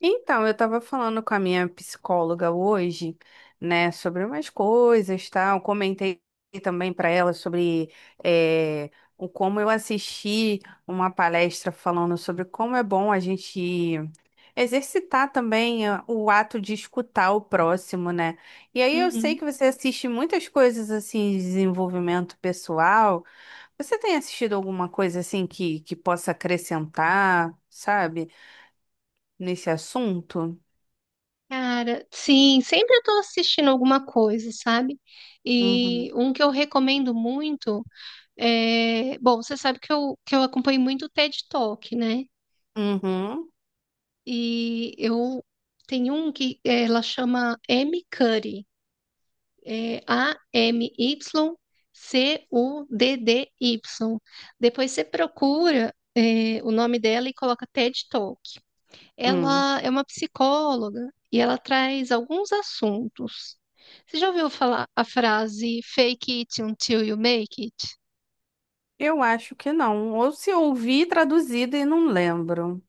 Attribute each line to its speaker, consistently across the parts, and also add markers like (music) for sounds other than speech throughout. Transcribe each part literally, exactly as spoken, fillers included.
Speaker 1: Então, eu estava falando com a minha psicóloga hoje, né, sobre umas coisas, tal. Comentei também para ela sobre eh, o como eu assisti uma palestra falando sobre como é bom a gente exercitar também eh, o ato de escutar o próximo, né? E aí eu sei
Speaker 2: Uhum.
Speaker 1: que você assiste muitas coisas assim de desenvolvimento pessoal. Você tem assistido alguma coisa assim que, que possa acrescentar, sabe, nesse assunto?
Speaker 2: Cara, sim, sempre eu tô assistindo alguma coisa, sabe? E
Speaker 1: Uhum.
Speaker 2: um que eu recomendo muito é. Bom, você sabe que eu, que eu acompanho muito o T E D Talk, né?
Speaker 1: Uhum.
Speaker 2: E eu tenho um que eh, ela chama M. Cuddy, é A M Y C U D D Y. Depois você procura eh, o nome dela e coloca T E D Talk.
Speaker 1: Hum.
Speaker 2: Ela é uma psicóloga e ela traz alguns assuntos. Você já ouviu falar a frase fake it until you make it?
Speaker 1: Eu acho que não. Ou se ouvi traduzido e não lembro.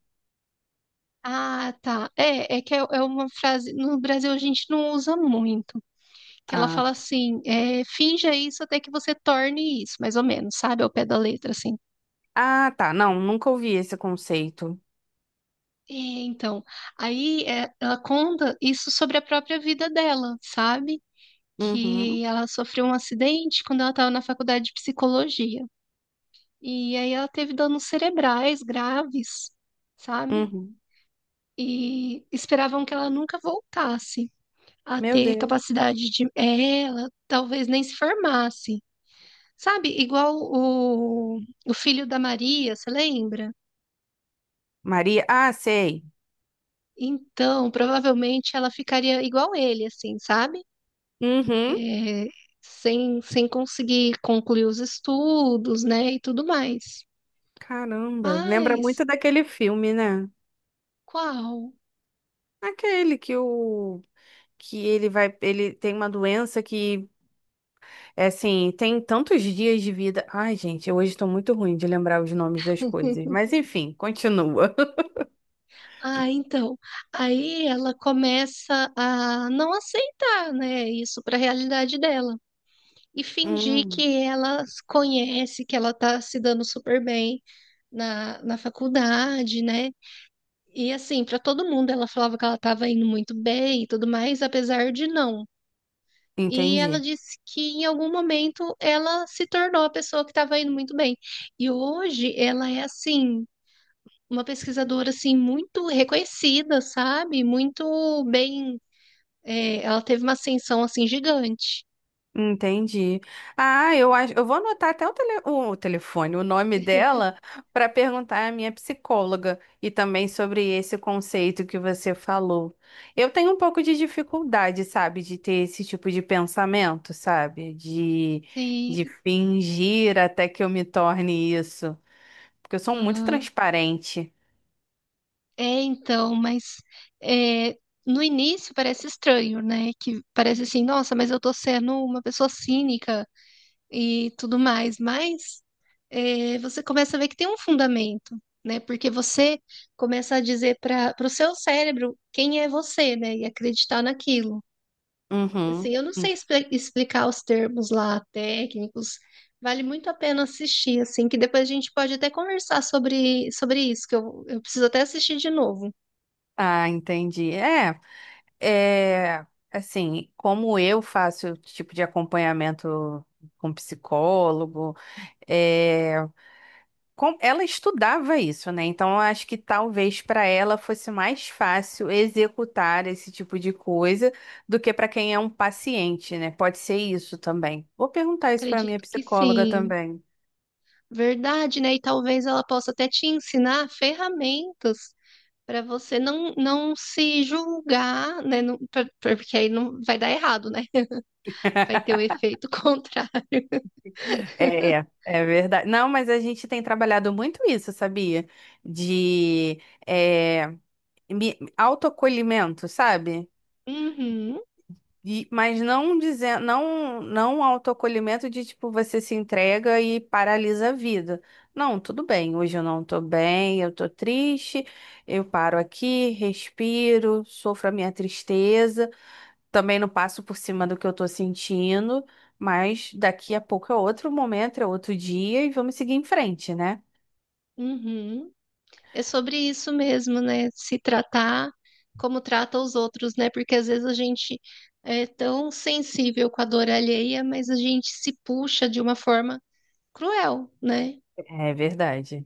Speaker 2: Ah, tá. É, é que é, é uma frase. No Brasil a gente não usa muito. Que ela
Speaker 1: Ah,
Speaker 2: fala assim: é, finja isso até que você torne isso, mais ou menos, sabe? Ao pé da letra, assim.
Speaker 1: ah, tá. Não, nunca ouvi esse conceito.
Speaker 2: É, então, aí é, ela conta isso sobre a própria vida dela, sabe?
Speaker 1: Uhum.
Speaker 2: Que ela sofreu um acidente quando ela estava na faculdade de psicologia. E aí ela teve danos cerebrais graves, sabe?
Speaker 1: Uhum.
Speaker 2: E esperavam que ela nunca voltasse a
Speaker 1: Meu
Speaker 2: ter
Speaker 1: Deus.
Speaker 2: capacidade de. É, ela talvez nem se formasse, sabe? Igual o, o filho da Maria, você lembra?
Speaker 1: Maria. Ah, sei.
Speaker 2: Então, provavelmente ela ficaria igual ele, assim, sabe?
Speaker 1: Uhum.
Speaker 2: É, sem, sem conseguir concluir os estudos, né? E tudo mais.
Speaker 1: Caramba. Lembra
Speaker 2: Mas
Speaker 1: muito daquele filme, né?
Speaker 2: qual?
Speaker 1: Aquele que o que ele vai, ele tem uma doença que, é assim, tem tantos dias de vida. Ai, gente, eu hoje estou muito ruim de lembrar os nomes das coisas. Mas enfim, continua. (laughs)
Speaker 2: Ah, então. Aí ela começa a não aceitar, né, isso para a realidade dela e fingir
Speaker 1: Hum,
Speaker 2: que ela conhece, que ela tá se dando super bem na, na faculdade, né? E assim, para todo mundo ela falava que ela estava indo muito bem e tudo mais, apesar de não. E ela
Speaker 1: entendi.
Speaker 2: disse que em algum momento ela se tornou a pessoa que estava indo muito bem. E hoje ela é assim uma pesquisadora assim muito reconhecida, sabe? Muito bem, é, ela teve uma ascensão assim gigante.
Speaker 1: Entendi. Ah, eu acho, eu vou anotar até o, tele, o telefone, o nome dela, para perguntar à minha psicóloga e também sobre esse conceito que você falou. Eu tenho um pouco de dificuldade, sabe, de ter esse tipo de pensamento, sabe, de, de
Speaker 2: Sim,
Speaker 1: fingir até que eu me torne isso, porque eu sou muito
Speaker 2: aham.
Speaker 1: transparente.
Speaker 2: É, então, mas é, no início parece estranho, né? Que parece assim, nossa, mas eu tô sendo uma pessoa cínica e tudo mais, mas é, você começa a ver que tem um fundamento, né? Porque você começa a dizer para o seu cérebro quem é você, né? E acreditar naquilo.
Speaker 1: Uhum.
Speaker 2: Assim, eu não
Speaker 1: Hum.
Speaker 2: sei expli- explicar os termos lá técnicos. Vale muito a pena assistir, assim, que depois a gente pode até conversar sobre, sobre isso, que eu, eu preciso até assistir de novo.
Speaker 1: Ah, entendi. É. É, assim, como eu faço tipo de acompanhamento com psicólogo, é, com- ela estudava isso, né? Então, eu acho que talvez para ela fosse mais fácil executar esse tipo de coisa do que para quem é um paciente, né? Pode ser isso também. Vou perguntar isso para minha
Speaker 2: Acredito que
Speaker 1: psicóloga
Speaker 2: sim.
Speaker 1: também.
Speaker 2: Verdade, né? E talvez ela possa até te ensinar ferramentas para você não, não se julgar, né? Não- pra- pra- porque aí não vai dar errado, né? Vai ter o efeito (laughs) contrário.
Speaker 1: É, é verdade. Não, mas a gente tem trabalhado muito isso, sabia? De é, me- autoacolhimento, sabe?
Speaker 2: Uhum,
Speaker 1: E- mas não dizer, não, não um autoacolhimento de tipo você se entrega e paralisa a vida. Não, tudo bem, hoje eu não tô bem, eu tô triste, eu paro aqui, respiro, sofro a minha tristeza, também não passo por cima do que eu tô sentindo, mas daqui a pouco é outro momento, é outro dia e vamos seguir em frente, né?
Speaker 2: uhum. É sobre isso mesmo, né? Se tratar como trata os outros, né? Porque às vezes a gente é tão sensível com a dor alheia, mas a gente se puxa de uma forma cruel, né?
Speaker 1: É verdade.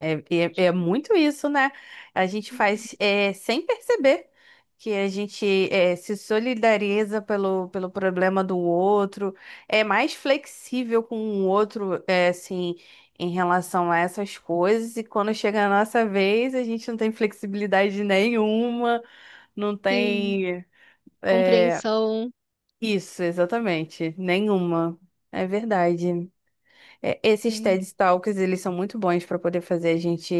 Speaker 1: É, é, é muito isso, né? A gente faz é, sem perceber que a gente é, se solidariza pelo, pelo problema do outro, é mais flexível com o outro, é, assim, em relação a essas coisas, e quando chega a nossa vez, a gente não tem flexibilidade nenhuma, não
Speaker 2: Sim,
Speaker 1: tem. É,
Speaker 2: compreensão,
Speaker 1: isso, exatamente, nenhuma. É verdade. É, esses
Speaker 2: é,
Speaker 1: T E D Talks, eles são muito bons para poder fazer a gente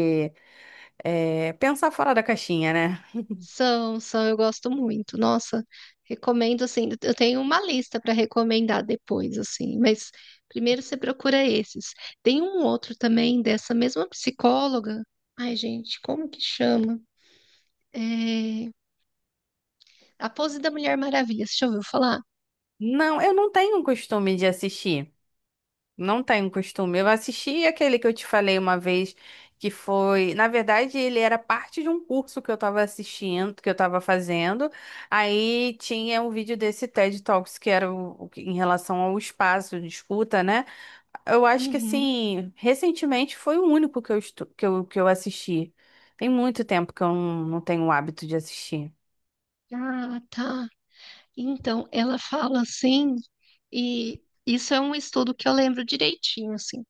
Speaker 1: é, pensar fora da caixinha, né?
Speaker 2: são, são, eu gosto muito. Nossa, recomendo assim. Eu tenho uma lista para recomendar depois, assim, mas primeiro você procura esses. Tem um outro também dessa mesma psicóloga. Ai, gente, como que chama? É, a pose da Mulher Maravilha, você já ouviu falar?
Speaker 1: Não, eu não tenho um costume de assistir. Não tenho costume. Eu assisti aquele que eu te falei uma vez, que foi. Na verdade, ele era parte de um curso que eu tava assistindo, que eu tava fazendo. Aí tinha um vídeo desse T E D Talks, que era o, o que- em relação ao espaço de escuta, né? Eu acho que,
Speaker 2: Uhum.
Speaker 1: assim, recentemente foi o único que eu, estu- que eu, que eu assisti. Tem muito tempo que eu não, não tenho o hábito de assistir.
Speaker 2: Ah, tá. Então, ela fala assim, e isso é um estudo que eu lembro direitinho, assim,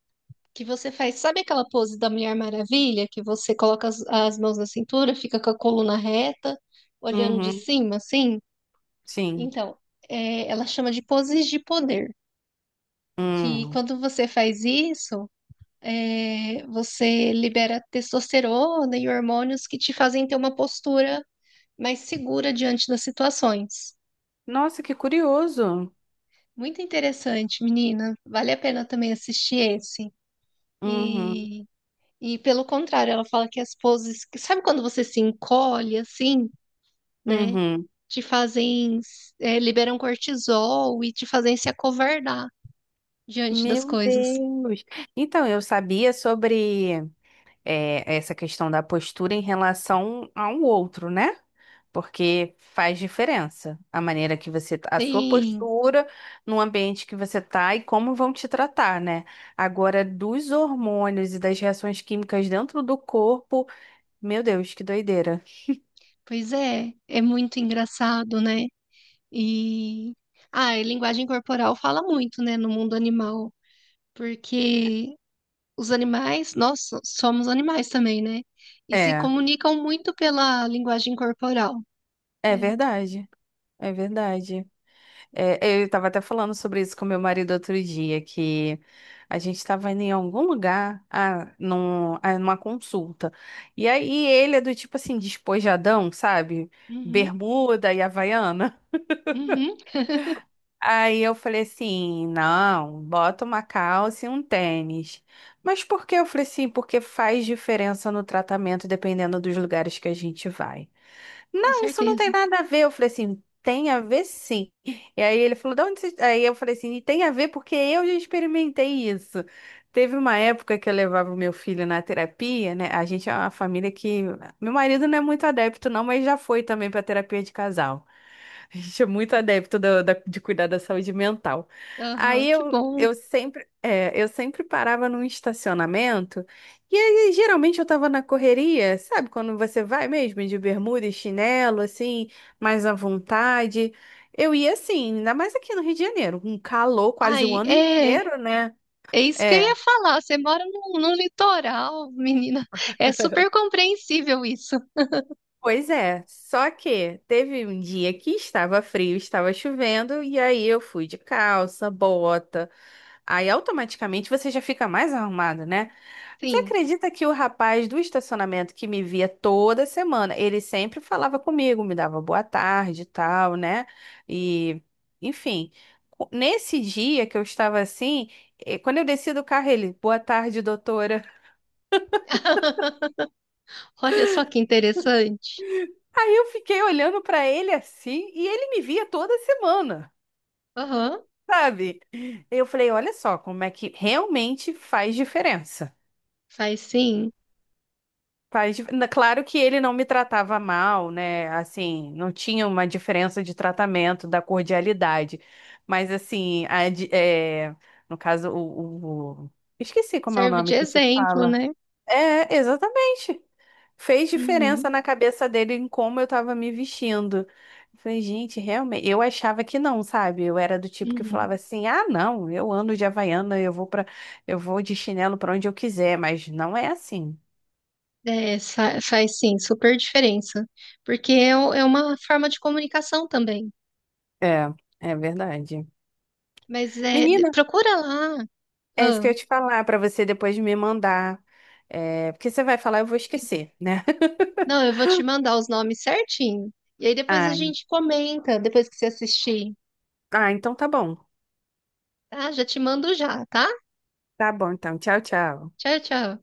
Speaker 2: que você faz, sabe aquela pose da Mulher Maravilha, que você coloca as, as mãos na cintura, fica com a coluna reta, olhando de
Speaker 1: Uhum,
Speaker 2: cima, assim?
Speaker 1: sim.
Speaker 2: Então, é, ela chama de poses de poder, que
Speaker 1: Hum.
Speaker 2: quando você faz isso, é, você libera testosterona e hormônios que te fazem ter uma postura mas segura diante das situações.
Speaker 1: Nossa, que curioso.
Speaker 2: Muito interessante, menina. Vale a pena também assistir esse.
Speaker 1: Uhum,
Speaker 2: E, e pelo contrário, ela fala que as poses. Que- sabe quando você se encolhe assim, né?
Speaker 1: uhum.
Speaker 2: Te fazem. Eh, liberam cortisol e te fazem se acovardar diante das
Speaker 1: Meu
Speaker 2: coisas.
Speaker 1: Deus. Então, eu sabia sobre é, essa questão da postura em relação ao outro, né? Porque faz diferença a maneira que você, tá, a sua
Speaker 2: Sim,
Speaker 1: postura no ambiente que você tá e como vão te tratar, né? Agora, dos hormônios e das reações químicas dentro do corpo, meu Deus, que doideira.
Speaker 2: pois é. É muito engraçado, né? E. Ah, e linguagem corporal fala muito, né, no mundo animal, porque os animais, nós so- somos animais também, né? E se
Speaker 1: É,
Speaker 2: comunicam muito pela linguagem corporal,
Speaker 1: é
Speaker 2: né?
Speaker 1: verdade, é verdade. É, é, eu estava até falando sobre isso com meu marido outro dia, que a gente estava indo em algum lugar, ah, num, ah, numa consulta. E aí ele é do tipo assim, despojadão, sabe?
Speaker 2: Uhum,
Speaker 1: Bermuda e Havaiana.
Speaker 2: uhum,
Speaker 1: Aí eu falei assim, não, bota uma calça e um tênis. Mas por que? Eu falei assim, porque faz diferença no tratamento dependendo dos lugares que a gente vai
Speaker 2: com
Speaker 1: não, isso não tem
Speaker 2: certeza.
Speaker 1: nada a ver. Eu falei assim, tem a ver sim. E aí ele falou, de onde você... Aí eu falei assim, tem a ver porque eu já experimentei isso. Teve uma época que eu levava o meu filho na terapia, né? A gente é uma família que. Meu marido não é muito adepto, não, mas já foi também para terapia de casal. (laughs) A gente é muito adepto da- da- de cuidar da saúde mental.
Speaker 2: Aham,
Speaker 1: Aí
Speaker 2: que
Speaker 1: eu,
Speaker 2: bom.
Speaker 1: eu sempre, é, eu sempre parava num estacionamento e aí, geralmente eu tava na correria, sabe? Quando você vai mesmo de bermuda e chinelo, assim, mais à vontade. Eu ia assim, ainda mais aqui no Rio de Janeiro, um calor quase o
Speaker 2: Ai,
Speaker 1: ano
Speaker 2: é,
Speaker 1: inteiro, né?
Speaker 2: é isso que eu
Speaker 1: É,
Speaker 2: ia falar. Você mora no no litoral, menina. É super compreensível isso.
Speaker 1: pois é. Só que teve um dia que estava frio, estava chovendo, e aí eu fui de calça, bota. Aí automaticamente você já fica mais arrumado, né? Você
Speaker 2: Sim.
Speaker 1: acredita que o rapaz do estacionamento que me via toda semana, ele sempre falava comigo, me dava boa tarde e tal, né? E, enfim, co- nesse dia que eu estava assim, eh, quando eu desci do carro, ele, boa tarde, doutora.
Speaker 2: (laughs) Olha só que interessante.
Speaker 1: (laughs) Aí eu fiquei olhando para ele assim, e ele me via toda semana,
Speaker 2: Aham,
Speaker 1: sabe? Eu falei, olha só como é que realmente faz diferença.
Speaker 2: faz sim.
Speaker 1: Faz dif- na- Claro que ele não me tratava mal, né? Assim, não tinha uma diferença de tratamento, da cordialidade. Mas, assim, a di- é, no caso, o, o- Esqueci como é o
Speaker 2: Serve de
Speaker 1: nome que se
Speaker 2: exemplo,
Speaker 1: fala.
Speaker 2: né?
Speaker 1: É, exatamente. Fez diferença
Speaker 2: Uhum,
Speaker 1: na cabeça dele em como eu tava me vestindo. Eu falei, gente, realmente. Eu achava que não, sabe? Eu era do tipo que
Speaker 2: uhum.
Speaker 1: falava assim: ah, não, eu ando de Havaiana, eu vou para, eu vou de chinelo pra onde eu quiser, mas não é assim.
Speaker 2: É, fa- faz sim, super diferença. Porque é, o- é uma forma de comunicação também.
Speaker 1: É, é verdade.
Speaker 2: Mas é, de-
Speaker 1: Menina,
Speaker 2: procura lá.
Speaker 1: é isso que eu
Speaker 2: Ah,
Speaker 1: ia te falar pra você depois me mandar. É, porque você vai falar, eu vou esquecer, né? (laughs)
Speaker 2: não, eu vou te mandar os nomes certinho. E aí depois a
Speaker 1: Ah,
Speaker 2: gente comenta, depois que você assistir.
Speaker 1: ah, então tá bom.
Speaker 2: Tá? Já te mando já, tá?
Speaker 1: Tá bom, então. Tchau, tchau.
Speaker 2: Tchau, tchau.